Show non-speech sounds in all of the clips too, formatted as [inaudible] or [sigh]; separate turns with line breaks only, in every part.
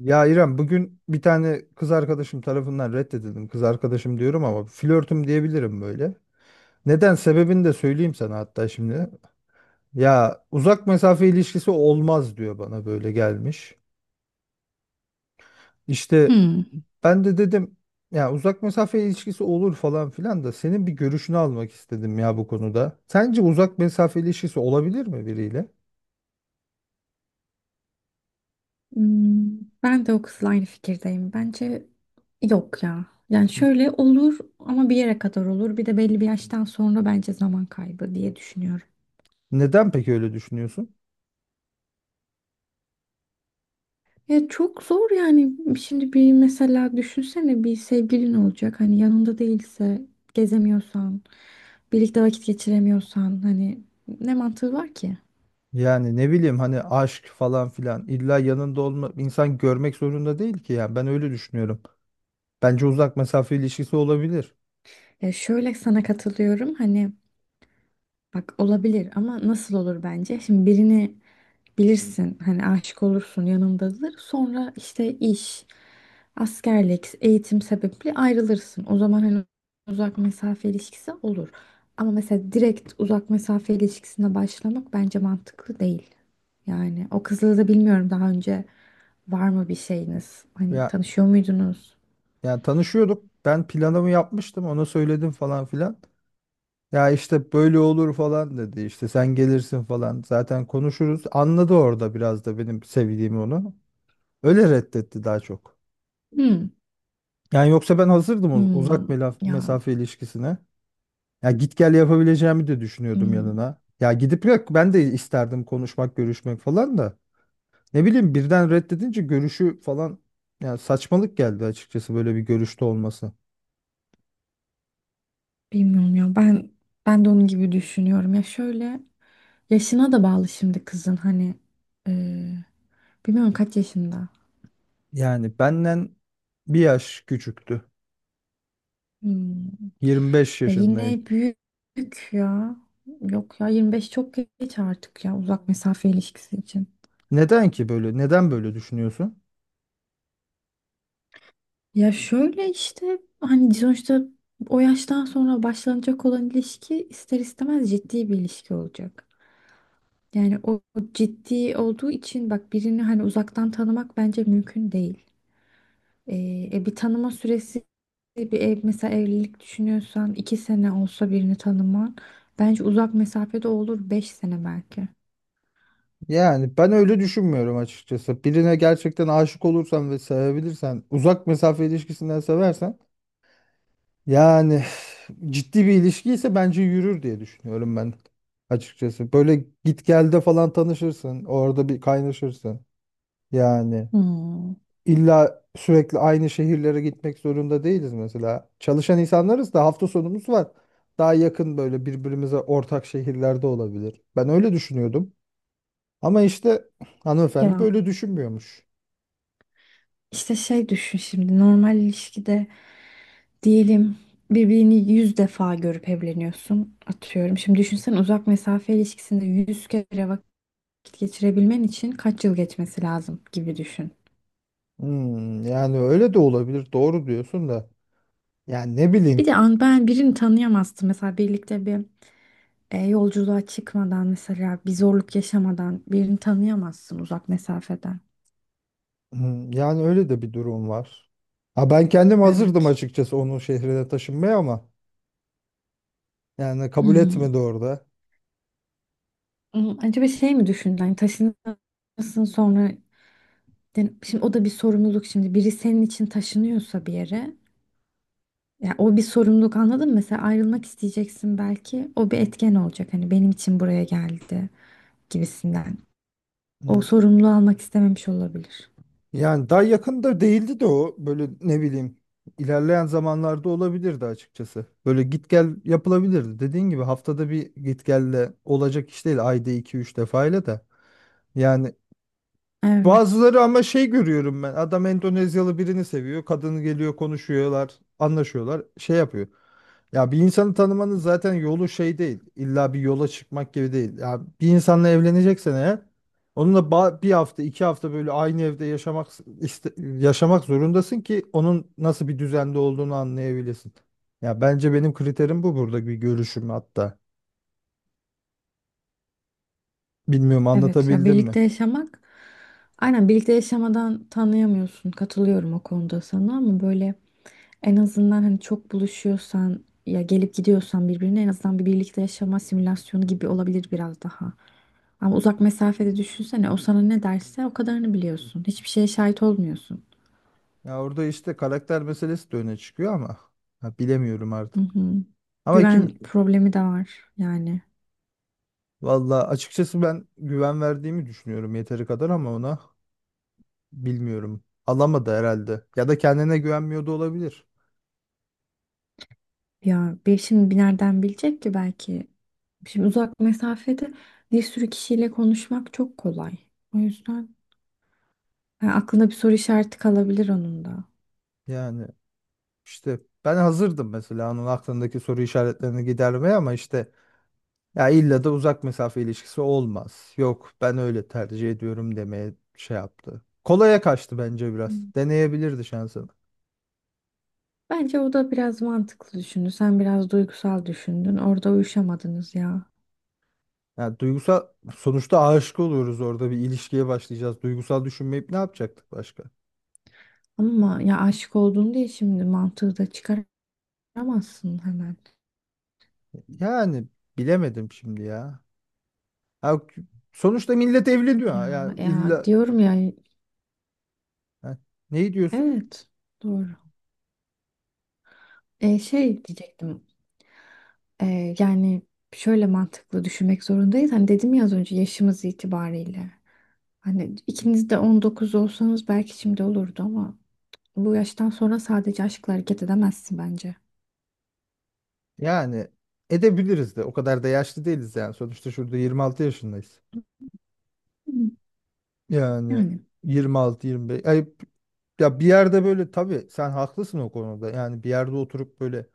Ya İrem bugün bir tane kız arkadaşım tarafından reddedildim. Kız arkadaşım diyorum ama flörtüm diyebilirim böyle. Neden sebebini de söyleyeyim sana hatta şimdi. Ya uzak mesafe ilişkisi olmaz diyor bana böyle gelmiş. İşte
Hmm.
ben de dedim ya uzak mesafe ilişkisi olur falan filan da senin bir görüşünü almak istedim ya bu konuda. Sence uzak mesafe ilişkisi olabilir mi biriyle?
Hmm, ben de o kızla aynı fikirdeyim. Bence yok ya. Yani şöyle olur ama bir yere kadar olur. Bir de belli bir yaştan sonra bence zaman kaybı diye düşünüyorum.
Neden peki öyle düşünüyorsun?
Ya çok zor yani. Şimdi bir mesela düşünsene, bir sevgilin olacak. Hani yanında değilse, gezemiyorsan, birlikte vakit geçiremiyorsan, hani ne mantığı var ki?
Yani ne bileyim hani aşk falan filan illa yanında olma, insan görmek zorunda değil ki, yani ben öyle düşünüyorum. Bence uzak mesafe ilişkisi olabilir.
Ya şöyle, sana katılıyorum. Hani bak, olabilir ama nasıl olur bence? Şimdi birini bilirsin, hani aşık olursun, yanındadır. Sonra işte iş, askerlik, eğitim sebebiyle ayrılırsın. O zaman hani uzak mesafe ilişkisi olur. Ama mesela direkt uzak mesafe ilişkisine başlamak bence mantıklı değil. Yani o kızla da bilmiyorum, daha önce var mı bir şeyiniz? Hani
Ya
tanışıyor muydunuz?
yani tanışıyorduk. Ben planımı yapmıştım. Ona söyledim falan filan. Ya işte böyle olur falan dedi. İşte sen gelirsin falan. Zaten konuşuruz. Anladı orada biraz da benim sevdiğimi onu. Öyle reddetti daha çok.
Hmm.
Yani yoksa ben hazırdım
Hmm.
uzak
Ya.
mesafe ilişkisine. Ya git gel yapabileceğimi de düşünüyordum
Hmm.
yanına. Ya gidip, yok ben de isterdim konuşmak, görüşmek falan da. Ne bileyim, birden reddedince görüşü falan, ya saçmalık geldi açıkçası böyle bir görüşte olması.
Bilmiyorum ya, ben ben de onun gibi düşünüyorum ya. Şöyle, yaşına da bağlı şimdi kızın. Hani eee, bilmiyorum kaç yaşında.
Yani benden bir yaş küçüktü.
Hmm.
25
Ya
yaşındaydı.
yine büyük ya. Yok ya, 25 çok geç artık ya uzak mesafe ilişkisi için.
Neden ki böyle? Neden böyle düşünüyorsun?
Ya şöyle işte, hani sonuçta o yaştan sonra başlanacak olan ilişki ister istemez ciddi bir ilişki olacak. Yani o ciddi olduğu için, bak, birini hani uzaktan tanımak bence mümkün değil. Bir tanıma süresi, bir ev, mesela evlilik düşünüyorsan, iki sene olsa birini tanıman, bence uzak mesafede olur beş sene belki.
Yani ben öyle düşünmüyorum açıkçası. Birine gerçekten aşık olursan ve sevebilirsen, uzak mesafe ilişkisinden seversen, yani ciddi bir ilişkiyse bence yürür diye düşünüyorum ben açıkçası. Böyle git gelde falan tanışırsın. Orada bir kaynaşırsın. Yani
Hmm.
illa sürekli aynı şehirlere gitmek zorunda değiliz mesela. Çalışan insanlarız da, hafta sonumuz var. Daha yakın böyle birbirimize ortak şehirlerde olabilir. Ben öyle düşünüyordum. Ama işte hanımefendi
Ya
böyle düşünmüyormuş.
işte şey, düşün şimdi, normal ilişkide diyelim, birbirini yüz defa görüp evleniyorsun atıyorum. Şimdi düşünsen, uzak mesafe ilişkisinde yüz kere vakit geçirebilmen için kaç yıl geçmesi lazım gibi düşün.
Hmm, yani öyle de olabilir. Doğru diyorsun da. Yani ne
Bir
bileyim.
de an ben birini tanıyamazdım. Mesela birlikte bir yolculuğa çıkmadan, mesela bir zorluk yaşamadan birini tanıyamazsın uzak mesafeden.
Hmm, yani öyle de bir durum var. Ha, ben kendim hazırdım
Evet.
açıkçası onun şehrine taşınmaya ama yani kabul
Hmm.
etmedi orada.
Hmm, acaba şey mi düşündün? Hani taşınırsın sonra. Yani şimdi o da bir sorumluluk şimdi. Biri senin için taşınıyorsa bir yere, ya o bir sorumluluk, anladın mı? Mesela ayrılmak isteyeceksin belki. O bir etken olacak. Hani benim için buraya geldi gibisinden. O
Hmm,
sorumluluğu almak istememiş olabilir.
yani daha yakında değildi de, o böyle ne bileyim, ilerleyen zamanlarda olabilirdi açıkçası. Böyle git gel yapılabilirdi. Dediğin gibi haftada bir git gelle olacak iş değil, ayda iki üç defayla da. Yani
Evet.
bazıları, ama şey görüyorum ben. Adam Endonezyalı birini seviyor. Kadın geliyor, konuşuyorlar, anlaşıyorlar, şey yapıyor. Ya bir insanı tanımanın zaten yolu şey değil. İlla bir yola çıkmak gibi değil. Ya bir insanla evleneceksen eğer, onunla bir hafta, iki hafta böyle aynı evde yaşamak, yaşamak zorundasın ki onun nasıl bir düzende olduğunu anlayabilesin. Ya bence benim kriterim bu, burada bir görüşüm hatta. Bilmiyorum,
Evet, ya
anlatabildim mi?
birlikte yaşamak, aynen, birlikte yaşamadan tanıyamıyorsun, katılıyorum o konuda sana. Ama böyle, en azından hani çok buluşuyorsan ya gelip gidiyorsan birbirine, en azından bir birlikte yaşama simülasyonu gibi olabilir biraz daha. Ama uzak mesafede düşünsene, o sana ne derse o kadarını biliyorsun. Hiçbir şeye şahit olmuyorsun.
Ya orada işte karakter meselesi de öne çıkıyor ama ha, bilemiyorum
Hı
artık.
hı.
Ama
Güven
kim,
problemi de var yani.
valla açıkçası ben güven verdiğimi düşünüyorum yeteri kadar ama ona, bilmiyorum. Alamadı herhalde. Ya da kendine güvenmiyordu, olabilir.
Ya bir şimdi, bir nereden bilecek ki belki. Şimdi uzak mesafede bir sürü kişiyle konuşmak çok kolay. O yüzden yani aklına bir soru işareti kalabilir onun da.
Yani işte ben hazırdım mesela onun aklındaki soru işaretlerini gidermeye ama işte, ya illa da uzak mesafe ilişkisi olmaz, yok ben öyle tercih ediyorum demeye şey yaptı. Kolaya kaçtı bence biraz.
Hmm.
Deneyebilirdi şansını.
Bence o da biraz mantıklı düşündü. Sen biraz duygusal düşündün. Orada uyuşamadınız ya.
Yani duygusal, sonuçta aşık oluyoruz, orada bir ilişkiye başlayacağız. Duygusal düşünmeyip ne yapacaktık başka?
Ama ya aşık oldun diye şimdi mantığı da çıkaramazsın hemen.
Yani bilemedim şimdi ya. Ya sonuçta millet
Ya,
evleniyor. Ya
ya
illa,
diyorum ya.
ha, neyi diyorsun?
Evet. Doğru. Şey diyecektim. Yani şöyle, mantıklı düşünmek zorundayız. Hani dedim ya az önce, yaşımız itibariyle. Hani ikiniz de 19 olsanız belki şimdi olurdu ama bu yaştan sonra sadece aşkla hareket edemezsin bence.
Yani edebiliriz de, o kadar da yaşlı değiliz yani. Sonuçta şurada 26 yaşındayız.
Hı.
Yani
Yani
26 25 ay, ya bir yerde böyle tabii sen haklısın o konuda. Yani bir yerde oturup böyle,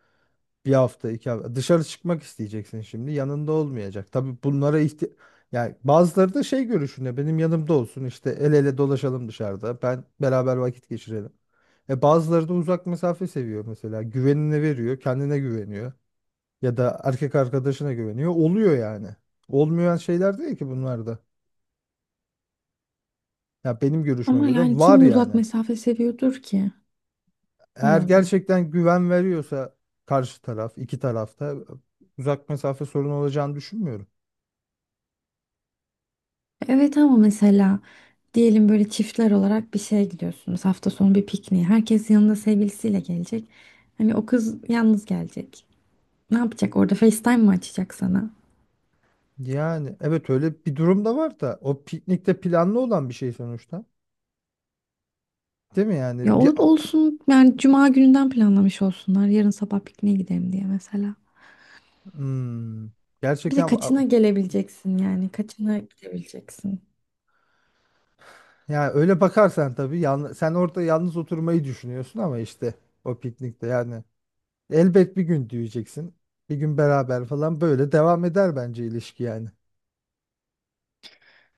bir hafta, iki hafta. Dışarı çıkmak isteyeceksin şimdi. Yanında olmayacak. Tabii bunlara ihti, yani bazıları da şey görüşünde, benim yanımda olsun işte, el ele dolaşalım dışarıda. Ben beraber vakit geçirelim. E bazıları da uzak mesafe seviyor mesela. Güvenine veriyor, kendine güveniyor, ya da erkek arkadaşına güveniyor. Oluyor yani. Olmayan şeyler değil ki bunlar da. Ya benim görüşüme
ama
göre
yani
var
kim uzak
yani.
mesafe seviyordur ki?
Eğer
Allah Allah.
gerçekten güven veriyorsa karşı taraf, iki tarafta uzak mesafe sorunu olacağını düşünmüyorum.
Evet ama mesela diyelim böyle çiftler olarak bir şeye gidiyorsunuz. Hafta sonu bir pikniğe. Herkes yanında sevgilisiyle gelecek. Hani o kız yalnız gelecek. Ne yapacak orada? FaceTime mı açacak sana?
Yani evet, öyle bir durum da var da, o piknikte planlı olan bir şey sonuçta. Değil mi
Ya
yani? Bir,
o olsun yani, cuma gününden planlamış olsunlar. Yarın sabah pikniğe gidelim diye mesela.
hmm,
Bir de
gerçekten
kaçına gelebileceksin yani? Kaçına gidebileceksin?
yani öyle bakarsan tabii yalnız, sen orada yalnız oturmayı düşünüyorsun ama işte o piknikte, yani elbet bir gün diyeceksin. Bir gün beraber falan, böyle devam eder bence ilişki yani.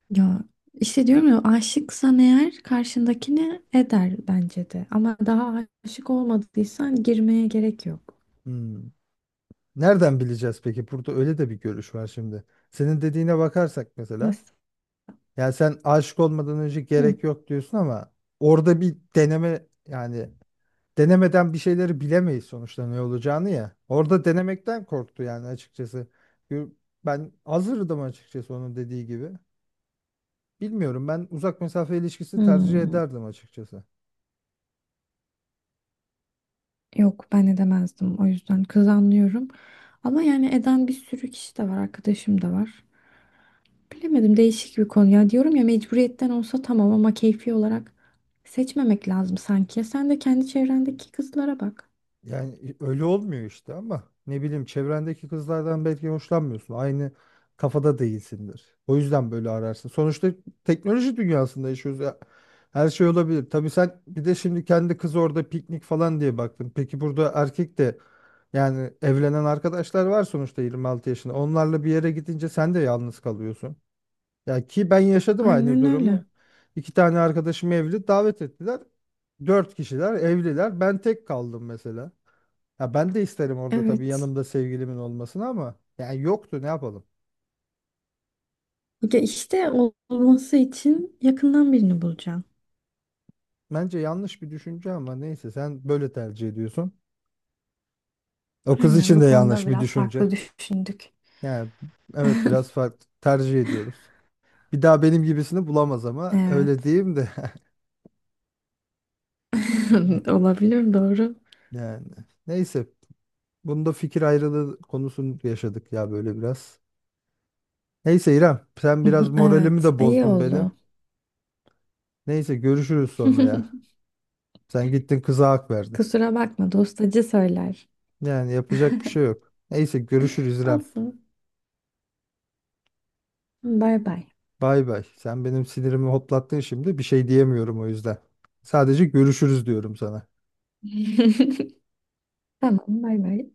Ya işte diyorum ya, aşıksan eğer karşındakini eder bence de. Ama daha aşık olmadıysan girmeye gerek yok.
Hmm. Nereden bileceğiz peki? Burada öyle de bir görüş var şimdi. Senin dediğine bakarsak mesela,
Nasıl?
yani sen aşık olmadan önce
Hı.
gerek yok diyorsun ama orada bir deneme, yani denemeden bir şeyleri bilemeyiz sonuçta ne olacağını ya. Orada denemekten korktu yani açıkçası. Gö- Ben hazırdım açıkçası, onun dediği gibi. Bilmiyorum, ben uzak mesafe ilişkisi tercih
Hmm.
ederdim açıkçası.
Yok, ben edemezdim, o yüzden kız anlıyorum. Ama yani eden bir sürü kişi de var, arkadaşım da var. Bilemedim, değişik bir konu ya. Diyorum ya, mecburiyetten olsa tamam ama keyfi olarak seçmemek lazım sanki. Sen de kendi çevrendeki kızlara bak.
Yani öyle olmuyor işte, ama ne bileyim, çevrendeki kızlardan belki hoşlanmıyorsun. Aynı kafada değilsindir. O yüzden böyle ararsın. Sonuçta teknoloji dünyasında yaşıyoruz ya. Her şey olabilir. Tabii sen bir de şimdi kendi kız orada piknik falan diye baktın. Peki burada erkek de, yani evlenen arkadaşlar var sonuçta 26 yaşında. Onlarla bir yere gidince sen de yalnız kalıyorsun. Ya ki ben yaşadım aynı
Aynen öyle.
durumu. İki tane arkadaşım evli, davet ettiler. Dört kişiler evliler. Ben tek kaldım mesela. Ya ben de isterim orada tabii
Evet.
yanımda sevgilimin olmasını, ama yani yoktu, ne yapalım.
Ya işte olması için yakından birini bulacaksın.
Bence yanlış bir düşünce ama neyse, sen böyle tercih ediyorsun. O kız
Aynen,
için
bu
de
konuda
yanlış bir
biraz
düşünce.
farklı düşündük.
Yani evet, biraz farklı tercih ediyoruz. Bir daha benim gibisini bulamaz ama öyle
Evet.
diyeyim de.
[laughs]
[laughs]
Olabilir, doğru. [laughs]
Yani neyse, bunda fikir ayrılığı konusunu yaşadık ya böyle biraz. Neyse İrem, sen biraz moralimi
Evet,
de
iyi
bozdun benim.
oldu.
Neyse görüşürüz sonra ya.
[laughs]
Sen gittin kıza hak verdin.
Kusura bakma, dostacı söyler.
Yani yapacak bir şey yok. Neyse görüşürüz İrem.
Olsun. Bay bay.
Bay bay. Sen benim sinirimi hoplattın şimdi. Bir şey diyemiyorum o yüzden. Sadece görüşürüz diyorum sana.
[laughs] Tamam, bay bay.